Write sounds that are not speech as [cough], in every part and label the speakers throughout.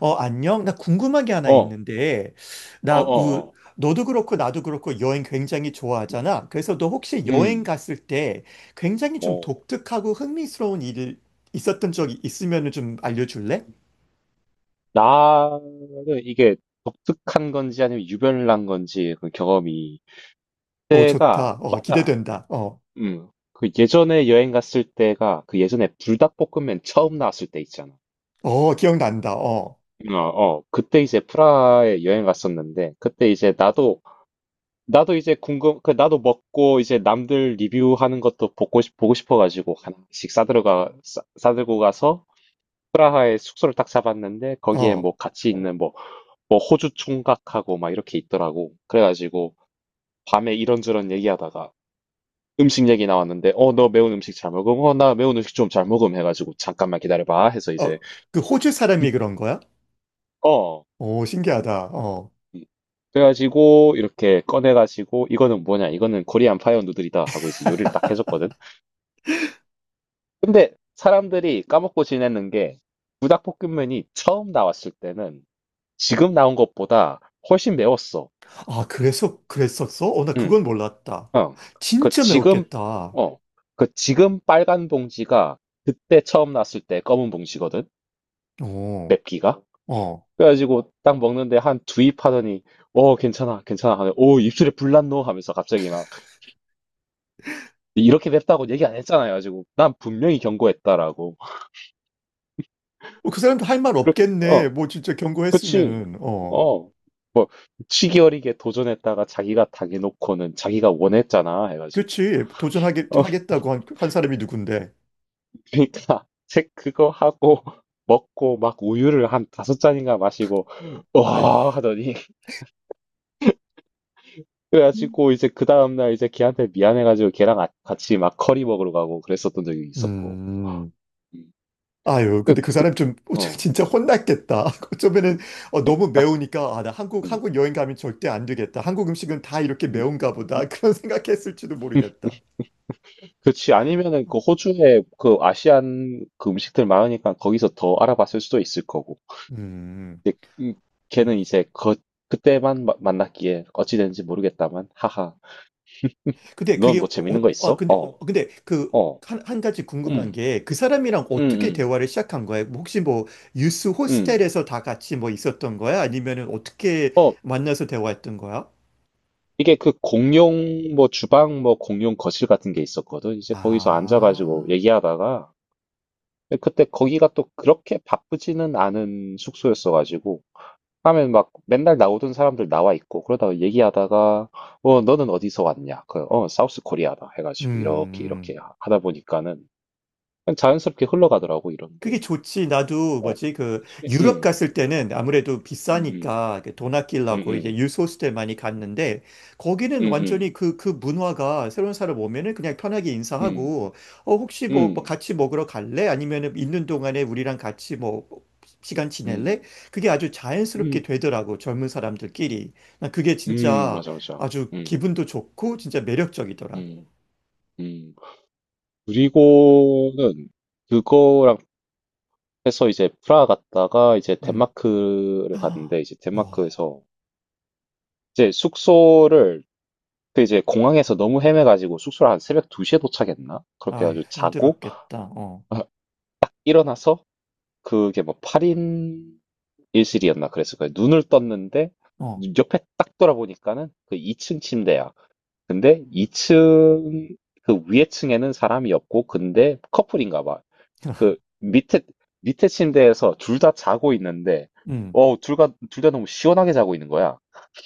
Speaker 1: 어, 안녕? 나 궁금한 게 하나
Speaker 2: 어,
Speaker 1: 있는데,
Speaker 2: 어어 어.
Speaker 1: 너도 그렇고 나도 그렇고 여행 굉장히
Speaker 2: 음.
Speaker 1: 좋아하잖아. 그래서 너 혹시 여행
Speaker 2: 음.
Speaker 1: 갔을 때 굉장히 좀
Speaker 2: 어.
Speaker 1: 독특하고 흥미스러운 일 있었던 적이 있으면 좀 알려줄래?
Speaker 2: 나는 이게 독특한 건지 아니면 유별난 건지 그 경험이
Speaker 1: 어,
Speaker 2: 때가
Speaker 1: 좋다. 어,
Speaker 2: 맞아.
Speaker 1: 기대된다. 어,
Speaker 2: 음. 그 예전에 여행 갔을 때가 그 예전에 불닭볶음면 처음 나왔을 때 있잖아.
Speaker 1: 어, 기억난다. 어,
Speaker 2: 어, 어. 그때 이제 프라하에 여행 갔었는데 그때 이제 나도 이제 궁금 그 나도 먹고 이제 남들 리뷰하는 것도 보고 싶어 가지고 하나씩 싸들고 가서 프라하에 숙소를 딱 잡았는데 거기에
Speaker 1: 어,
Speaker 2: 뭐 같이 있는 뭐 호주 총각하고 막 이렇게 있더라고. 그래가지고 밤에 이런저런 얘기하다가 음식 얘기 나왔는데 어 너 매운 음식 잘 먹음? 어 나 매운 음식 좀 잘 먹음 해가지고 잠깐만 기다려봐 해서
Speaker 1: 어,
Speaker 2: 이제
Speaker 1: 그 호주 사람이
Speaker 2: [laughs]
Speaker 1: 그런 거야?
Speaker 2: 어
Speaker 1: 오, 신기하다. 어.
Speaker 2: 음. 그래가지고 이렇게 꺼내가지고 이거는 뭐냐 이거는 코리안 파이어 누들이다 하고 이제 요리를 딱 해줬거든. 근데 사람들이 까먹고 지내는 게 부닭볶음면이 처음 나왔을 때는 지금 나온 것보다 훨씬 매웠어.
Speaker 1: 아, 그래서 그랬었어? 어, 나
Speaker 2: 음.
Speaker 1: 그건 몰랐다.
Speaker 2: 어, 그
Speaker 1: 진짜
Speaker 2: 지금,
Speaker 1: 매웠겠다.
Speaker 2: 어, 그 지금 빨간 봉지가 그때 처음 났을 때 검은 봉지거든?
Speaker 1: 어,
Speaker 2: 맵기가?
Speaker 1: 어.
Speaker 2: 그래가지고 딱 먹는데 한 두입 하더니, 괜찮아, 괜찮아. 하네. 오, 입술에 불 났노? 하면서 갑자기 막, 이렇게 맵다고 얘기 안 했잖아요. 가지고, 난 분명히 경고했다라고.
Speaker 1: 어, 그 사람도 할 말
Speaker 2: 그렇,
Speaker 1: 없겠네.
Speaker 2: 어,
Speaker 1: 뭐 진짜
Speaker 2: 그치.
Speaker 1: 경고했으면은. 어,
Speaker 2: 어, 뭐, 치기 어리게 도전했다가 자기가 당해놓고는 자기가 원했잖아. 해가지고.
Speaker 1: 그렇지. 도전하게
Speaker 2: 어.
Speaker 1: 하겠다고 한 사람이 누군데.
Speaker 2: 그러니까 책 그거 하고 [laughs] 먹고 막 우유를 한 다섯 잔인가 마시고
Speaker 1: 아이.
Speaker 2: 와 하더니 [laughs] 그래가지고 이제 그 다음날 이제 걔한테 미안해가지고 걔랑 같이 막 커리 먹으러 가고 그랬었던 적이 있었고.
Speaker 1: 음.
Speaker 2: 음.
Speaker 1: 아유,
Speaker 2: 그,
Speaker 1: 근데 그
Speaker 2: 그,
Speaker 1: 사람 좀 [laughs]
Speaker 2: 어,
Speaker 1: 진짜 혼났겠다. [laughs] 어쩌면은 너무 매우니까. 아, 나 한국
Speaker 2: 음,
Speaker 1: 한국 여행 가면 절대 안 되겠다. 한국 음식은 다 이렇게
Speaker 2: [laughs] 음,
Speaker 1: 매운가
Speaker 2: 음,
Speaker 1: 보다. [laughs] 그런 생각했을지도
Speaker 2: 음.
Speaker 1: 모르겠다.
Speaker 2: 그치 아니면은 그 호주에 그 아시안 그 음식들 많으니까 거기서 더 알아봤을 수도 있을 거고
Speaker 1: 음.
Speaker 2: 근데 걔는 이제 그때만 만났기에 어찌 됐는지 모르겠다만 하하.
Speaker 1: 근데
Speaker 2: 넌
Speaker 1: 그게 어,
Speaker 2: 뭐 재밌는 거
Speaker 1: 어
Speaker 2: 있어?
Speaker 1: 근데 어,
Speaker 2: 어.
Speaker 1: 근데
Speaker 2: 어.
Speaker 1: 한 가지 궁금한
Speaker 2: 음,
Speaker 1: 게 그 사람이랑
Speaker 2: 음,
Speaker 1: 어떻게
Speaker 2: 음,
Speaker 1: 대화를 시작한 거예요? 혹시 뭐 유스
Speaker 2: 음.
Speaker 1: 호스텔에서 다 같이 뭐 있었던 거야? 아니면은 어떻게
Speaker 2: 어,
Speaker 1: 만나서 대화했던 거야?
Speaker 2: 이게 그 공용 뭐 주방 뭐 공용 거실 같은 게 있었거든. 이제 거기서 앉아가지고
Speaker 1: 아,
Speaker 2: 얘기하다가 그때 거기가 또 그렇게 바쁘지는 않은 숙소였어가지고 하면 막 맨날 나오던 사람들 나와 있고 그러다가 얘기하다가 어 너는 어디서 왔냐? 그 어 사우스 코리아다 해가지고 이렇게 이렇게
Speaker 1: 음.
Speaker 2: 하다 보니까는 그냥 자연스럽게 흘러가더라고 이런 게.
Speaker 1: 그게 좋지. 나도
Speaker 2: 어,
Speaker 1: 뭐지, 그
Speaker 2: 그치?
Speaker 1: 유럽 갔을 때는 아무래도
Speaker 2: 음,
Speaker 1: 비싸니까 그돈
Speaker 2: 음,
Speaker 1: 아끼려고 이제
Speaker 2: 음,
Speaker 1: 유스호스텔 많이 갔는데, 거기는 완전히
Speaker 2: 음,
Speaker 1: 그 문화가 새로운 사람 오면은 그냥 편하게
Speaker 2: 음,
Speaker 1: 인사하고 혹시
Speaker 2: 음,
Speaker 1: 뭐
Speaker 2: 음,
Speaker 1: 같이 먹으러 갈래? 아니면은 있는 동안에 우리랑 같이 뭐 시간 지낼래?
Speaker 2: 음.
Speaker 1: 그게 아주 자연스럽게
Speaker 2: 음,
Speaker 1: 되더라고 젊은 사람들끼리. 난 그게 진짜
Speaker 2: 맞아, 맞아.
Speaker 1: 아주
Speaker 2: 음,
Speaker 1: 기분도 좋고 진짜 매력적이더라.
Speaker 2: 음, 음. 그리고는 그거랑 해서 이제 프라하 갔다가 이제
Speaker 1: 음.
Speaker 2: 덴마크를 갔는데
Speaker 1: [gasps]
Speaker 2: 이제
Speaker 1: 어,
Speaker 2: 덴마크에서 이제 숙소를 그 이제 공항에서 너무 헤매가지고 숙소를 한 새벽 2시에 도착했나? 그렇게
Speaker 1: 아휴,
Speaker 2: 해가지고 자고
Speaker 1: 힘들었겠다. 어.
Speaker 2: [laughs] 일어나서 그게 뭐 8인 일실이었나 그랬을 거예요. 눈을 떴는데
Speaker 1: 어.
Speaker 2: 옆에 딱 돌아보니까는 그 2층 침대야. 근데 2층 그 위에 층에는 사람이 없고 근데 커플인가 봐. 그 밑에 침대에서 둘 다 자고 있는데
Speaker 1: 음.
Speaker 2: 둘다 둘 다 너무 시원하게 자고 있는 거야.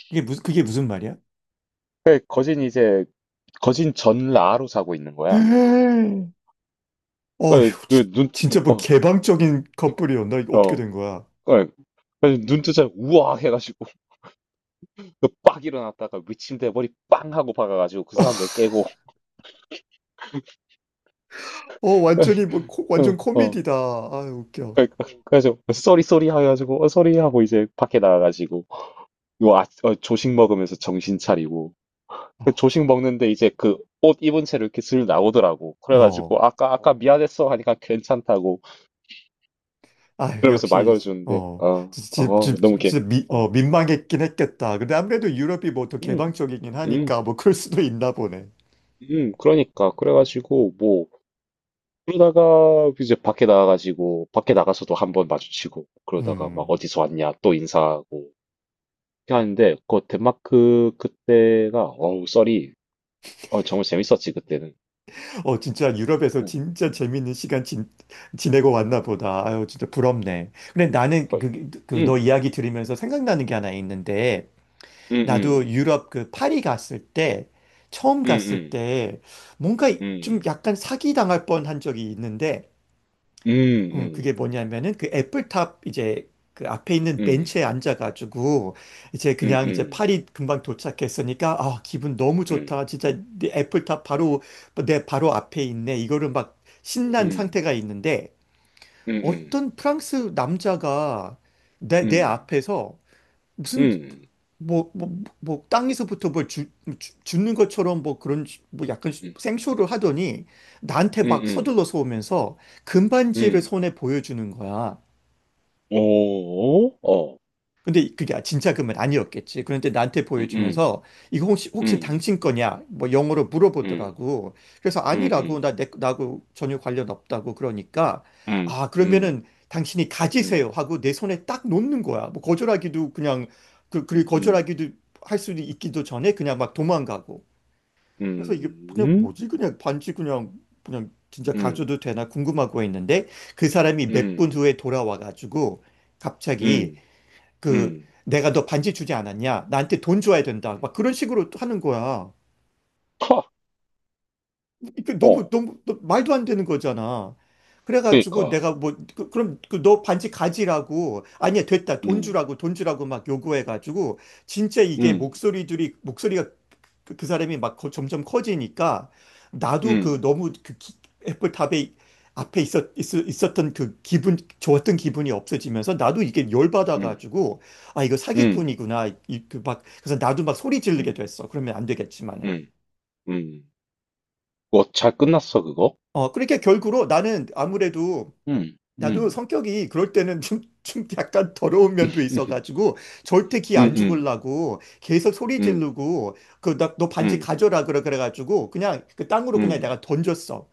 Speaker 1: 그게 무슨 말이야?
Speaker 2: 그 거진 전라로 자고 있는 거야.
Speaker 1: [gasps] [laughs] 어휴,
Speaker 2: 그눈어어
Speaker 1: 진짜
Speaker 2: 눈
Speaker 1: 뭐
Speaker 2: 어,
Speaker 1: 개방적인 커플이었나? 이거
Speaker 2: 어,
Speaker 1: 어떻게
Speaker 2: 어.
Speaker 1: 된 거야?
Speaker 2: 그 눈 뜨자 우와 해가지고 [laughs] 그빡 일어났다가 위침대 머리 빵 하고 박아가지고 그 사람들
Speaker 1: [laughs]
Speaker 2: 깨고
Speaker 1: 어,
Speaker 2: [laughs]
Speaker 1: 완전
Speaker 2: 어, 어.
Speaker 1: 코미디다. 아, 웃겨.
Speaker 2: 그래서 쏘리 쏘리 해가지고 쏘리 하고 이제 밖에 나가가지고 조식 먹으면서 정신 차리고 그
Speaker 1: 아, 지-
Speaker 2: 조식 먹는데 이제 그 옷 입은 채로 이렇게 슬 나오더라고.
Speaker 1: 어.
Speaker 2: 그래가지고 아까 아까 미안했어 하니까 괜찮다고
Speaker 1: 아,
Speaker 2: 그러면서 말
Speaker 1: 역시.
Speaker 2: 걸어주는데
Speaker 1: 어.
Speaker 2: 어,
Speaker 1: 진짜.
Speaker 2: 너무 이렇게
Speaker 1: 진짜
Speaker 2: 어,
Speaker 1: 민망했긴 했겠다. 근데 아무래도 유럽이 뭐 더
Speaker 2: 음,
Speaker 1: 개방적이긴
Speaker 2: 음,
Speaker 1: 하니까 뭐 그럴 수도 있나 보네.
Speaker 2: 음. 그러니까 그래가지고 뭐 그러다가 이제 밖에 나가가지고 밖에 나가서도 한번 마주치고 그러다가 막
Speaker 1: 음.
Speaker 2: 어디서 왔냐 또 인사하고 이렇게 하는데 그 덴마크 그때가 어우 썰이 정말 재밌었지 그때는.
Speaker 1: 어, 진짜 유럽에서
Speaker 2: 음,
Speaker 1: 진짜
Speaker 2: 음,
Speaker 1: 재밌는 시간 지내고 왔나 보다. 아유, 진짜 부럽네. 근데 나는
Speaker 2: 거의.
Speaker 1: 너
Speaker 2: 음.
Speaker 1: 이야기 들으면서 생각나는 게 하나 있는데,
Speaker 2: 응
Speaker 1: 나도
Speaker 2: 응
Speaker 1: 유럽 그 파리 갔을 때, 처음
Speaker 2: 응
Speaker 1: 갔을
Speaker 2: 응
Speaker 1: 때, 뭔가
Speaker 2: 응
Speaker 1: 좀
Speaker 2: 응
Speaker 1: 약간 사기당할 뻔한 적이 있는데,
Speaker 2: 응 응
Speaker 1: 그게 뭐냐면은 그 애플탑 이제 그 앞에 있는
Speaker 2: 응응응
Speaker 1: 벤치에
Speaker 2: 응
Speaker 1: 앉아가지고 이제 그냥 이제
Speaker 2: 응
Speaker 1: 파리 금방 도착했으니까 아 기분 너무
Speaker 2: 응
Speaker 1: 좋다 진짜 내 애플탑 바로 내 바로 앞에 있네 이거를 막 신난 상태가 있는데
Speaker 2: 응
Speaker 1: 어떤 프랑스 남자가 내 앞에서 무슨 뭐 뭐 뭐 땅에서부터 뭘 줍는 것처럼 뭐 그런 뭐 약간 생쇼를 하더니 나한테
Speaker 2: 응응
Speaker 1: 막
Speaker 2: 응
Speaker 1: 서둘러서 오면서 금반지를
Speaker 2: 응
Speaker 1: 손에 보여주는 거야.
Speaker 2: 어? 어.
Speaker 1: 근데 그게 진짜 금은 아니었겠지. 그런데 나한테
Speaker 2: 응 오. 어. 응
Speaker 1: 보여주면서
Speaker 2: 응
Speaker 1: 이거 혹시
Speaker 2: 응
Speaker 1: 혹시 당신 거냐? 뭐 영어로
Speaker 2: 응
Speaker 1: 물어보더라고. 그래서
Speaker 2: 응
Speaker 1: 아니라고,
Speaker 2: 응
Speaker 1: 나하고 전혀 관련 없다고 그러니까
Speaker 2: 응응응
Speaker 1: 아
Speaker 2: 응응
Speaker 1: 그러면은 당신이 가지세요 하고 내 손에 딱 놓는 거야. 뭐 거절하기도 그냥 그 그리고 거절하기도 할 수도 있기도 전에 그냥 막 도망가고. 그래서 이게 그냥 뭐지? 그냥 반지 그냥 진짜 가져도 되나 궁금하고 했는데 그 사람이 몇 분 후에 돌아와 가지고
Speaker 2: 응응
Speaker 1: 갑자기
Speaker 2: 응
Speaker 1: 그
Speaker 2: 응
Speaker 1: 내가 너 반지 주지 않았냐? 나한테 돈 줘야 된다. 막 그런 식으로 또 하는 거야.
Speaker 2: 커.
Speaker 1: 이게 너무
Speaker 2: 어.
Speaker 1: 너무 말도 안 되는 거잖아. 그래가지고
Speaker 2: 그러니까.
Speaker 1: 내가 뭐 그, 럼 그 너 반지 가지라고, 아니야 됐다 돈
Speaker 2: 음.
Speaker 1: 주라고 돈 주라고 막 요구해가지고 진짜 이게
Speaker 2: 음.
Speaker 1: 목소리들이 목소리가, 그 사람이 막 점점 커지니까 나도 그
Speaker 2: 음.
Speaker 1: 너무 그 애플 탑에 앞에 던그 기분 좋았던 기분이 없어지면서 나도 이게
Speaker 2: 음.
Speaker 1: 열받아가지고 아 이거
Speaker 2: 음.
Speaker 1: 사기꾼이구나. 그래서 나도 막 소리 지르게
Speaker 2: 음.
Speaker 1: 됐어. 그러면 안 되겠지만은
Speaker 2: 음. 음. 그거 잘 끝났어, 그거?
Speaker 1: 어, 그러니까 결국으로 나는 아무래도
Speaker 2: 응,
Speaker 1: 나도
Speaker 2: 응,
Speaker 1: 성격이 그럴 때는 [laughs] 좀 약간 더러운 면도
Speaker 2: 응,
Speaker 1: 있어가지고 절대 기
Speaker 2: 응,
Speaker 1: 안
Speaker 2: 응,
Speaker 1: 죽으려고 계속 소리
Speaker 2: 응,
Speaker 1: 지르고 그 나 너 반지 가져라, 그래. 그래가지고 그냥 그 땅으로 그냥 내가
Speaker 2: 응,
Speaker 1: 던졌어.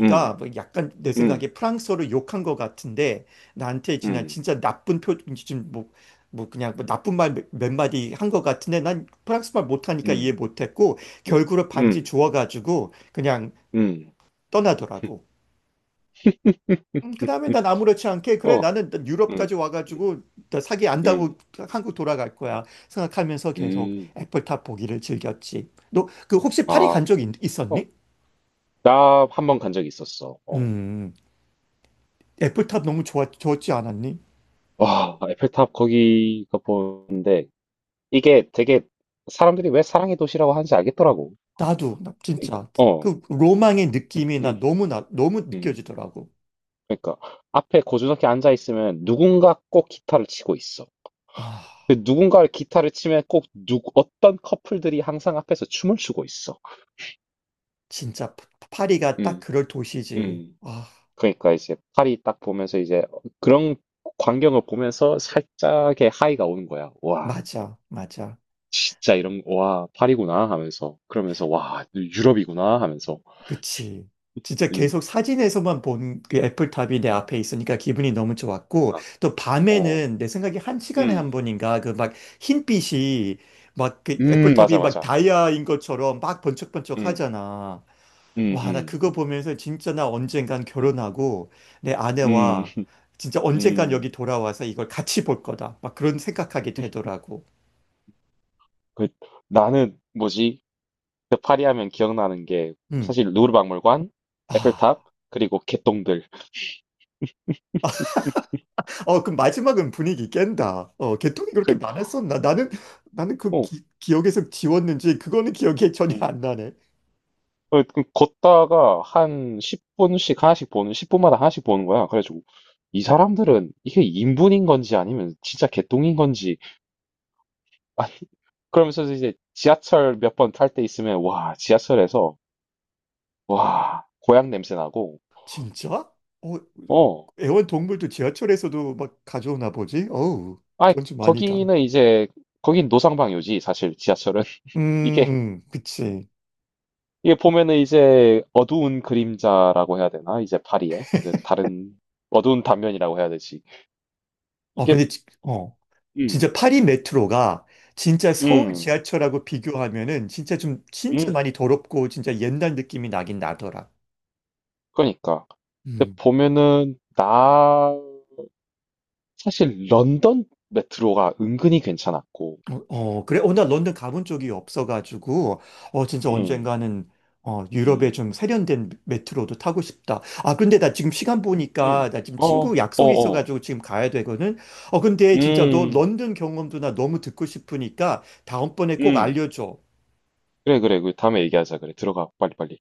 Speaker 2: 응, 응,
Speaker 1: 뭐 약간 내
Speaker 2: 응,
Speaker 1: 생각에 프랑스어를 욕한 것 같은데 나한테 그냥 진짜 나쁜 표 지금 뭐, 뭐 그냥 뭐 나쁜 말 몇 마디 한 것 같은데 난 프랑스 말 못하니까 이해
Speaker 2: 응,
Speaker 1: 못했고
Speaker 2: 응,
Speaker 1: 결국은 반지
Speaker 2: 응,
Speaker 1: 주워가지고 그냥
Speaker 2: 응.
Speaker 1: 떠나더라고.
Speaker 2: [laughs]
Speaker 1: 그다음에 난 아무렇지 않게, 그래
Speaker 2: 어,
Speaker 1: 나는
Speaker 2: 응,
Speaker 1: 유럽까지
Speaker 2: 응,
Speaker 1: 와가지고 나 사기 안 당하고
Speaker 2: 응,
Speaker 1: 한국 돌아갈 거야 생각하면서 계속
Speaker 2: 응.
Speaker 1: 애플탑 보기를 즐겼지. 너 그 혹시
Speaker 2: 아,
Speaker 1: 파리 간 적
Speaker 2: 어,
Speaker 1: 있었니?
Speaker 2: 나 한 번 간 적이 있었어. 어.
Speaker 1: 음, 애플탑 너무 좋았지 않았니?
Speaker 2: 와, 에펠탑 거기가 보는데, 이게 되게 사람들이 왜 사랑의 도시라고 하는지 알겠더라고.
Speaker 1: 나도 나 진짜
Speaker 2: 어,
Speaker 1: 그 로망의
Speaker 2: 응,
Speaker 1: 느낌이 나
Speaker 2: 응.
Speaker 1: 너무 나 너무
Speaker 2: 응.
Speaker 1: 느껴지더라고.
Speaker 2: 그러니까 앞에 고즈넉히 앉아 있으면 누군가 꼭 기타를 치고 있어.
Speaker 1: 아,
Speaker 2: 그 누군가를 기타를 치면 꼭 어떤 커플들이 항상 앞에서 춤을 추고 있어.
Speaker 1: 진짜. 파리가 딱
Speaker 2: 음,
Speaker 1: 그럴 도시지.
Speaker 2: 음.
Speaker 1: 아,
Speaker 2: 그러니까 이제 파리 딱 보면서 이제 그런 광경을 보면서 살짝의 하이가 오는 거야. 와,
Speaker 1: 맞아, 맞아.
Speaker 2: 진짜 이런, 와, 파리구나 하면서. 그러면서, 와, 유럽이구나 하면서.
Speaker 1: 그치. 진짜
Speaker 2: 음,
Speaker 1: 계속 사진에서만 본 그 애플탑이 내
Speaker 2: 음.
Speaker 1: 앞에 있으니까 기분이 너무 좋았고,
Speaker 2: 그러니까,
Speaker 1: 또
Speaker 2: 어,
Speaker 1: 밤에는 내 생각에 한 시간에 한
Speaker 2: 음,
Speaker 1: 번인가, 그 막 흰빛이 막, 그 애플탑이
Speaker 2: 맞아,
Speaker 1: 막
Speaker 2: 맞아.
Speaker 1: 다이아인 것처럼 막 번쩍번쩍
Speaker 2: 음,
Speaker 1: 하잖아.
Speaker 2: 음,
Speaker 1: 와, 나
Speaker 2: 음,
Speaker 1: 그거 보면서 진짜 나 언젠간
Speaker 2: 음,
Speaker 1: 결혼하고 내
Speaker 2: 음.
Speaker 1: 아내와 진짜 언젠간 여기
Speaker 2: 음.
Speaker 1: 돌아와서 이걸 같이 볼 거다. 막 그런 생각하게 되더라고.
Speaker 2: 그 나는 뭐지? 그 파리 하면 기억나는 게
Speaker 1: 음.
Speaker 2: 사실 루브르 박물관,
Speaker 1: 아,
Speaker 2: 에펠탑, 그리고 개똥들.
Speaker 1: 어, 그럼 마지막은 분위기 깬다. 어, 개통이
Speaker 2: [laughs]
Speaker 1: 그렇게
Speaker 2: 그,
Speaker 1: 많았었나? 나는 그
Speaker 2: 어,
Speaker 1: 기억에서 지웠는지 그거는 기억이 전혀
Speaker 2: 음.
Speaker 1: 안 나네.
Speaker 2: 어, 그 걷다가 한 10분씩 하나씩 보는, 10분마다 하나씩 보는 거야. 그래가지고 이 사람들은 이게 인분인 건지 아니면 진짜 개똥인 건지 [laughs] 아니 그러면서 이제 지하철 몇 번 탈 때 있으면 와 지하철에서 와 고향 냄새 나고
Speaker 1: 진짜? 어,
Speaker 2: 어
Speaker 1: 애완동물도 지하철에서도 막 가져오나 보지? 어우,
Speaker 2: 아
Speaker 1: 그건 좀 아니다.
Speaker 2: 거기는 이제 거긴 노상방뇨지 사실 지하철은
Speaker 1: 음,
Speaker 2: [laughs] 이게
Speaker 1: 그치.
Speaker 2: 이게 보면은 이제 어두운 그림자라고 해야 되나? 이제 파리에 그 다른 어두운 단면이라고 해야 되지.
Speaker 1: 어,
Speaker 2: 이게
Speaker 1: 근데, 진짜
Speaker 2: 음,
Speaker 1: 파리 메트로가 진짜 서울
Speaker 2: 음,
Speaker 1: 지하철하고 비교하면은 진짜 좀 진짜
Speaker 2: 음,
Speaker 1: 많이 더럽고 진짜 옛날 느낌이 나긴 나더라.
Speaker 2: 그러니까. 근데
Speaker 1: 음.
Speaker 2: 보면은 나 사실 런던 메트로가 은근히 괜찮았고,
Speaker 1: 어, 어, 그래. 어, 나 런던 가본 적이 없어가지고, 어, 진짜
Speaker 2: 음,
Speaker 1: 언젠가는, 어, 유럽의
Speaker 2: 음,
Speaker 1: 좀 세련된 메트로도 타고 싶다. 아, 근데 나 지금 시간
Speaker 2: 음,
Speaker 1: 보니까, 나 지금
Speaker 2: 어,
Speaker 1: 친구
Speaker 2: 어,
Speaker 1: 약속이
Speaker 2: 어,
Speaker 1: 있어가지고 지금 가야 되거든. 어, 근데 진짜 너
Speaker 2: 음,
Speaker 1: 런던 경험도 나 너무 듣고 싶으니까 다음번에 꼭
Speaker 2: 음,
Speaker 1: 알려줘.
Speaker 2: 그래, 그래, 그 다음에 얘기하자, 그래, 들어가, 빨리, 빨리.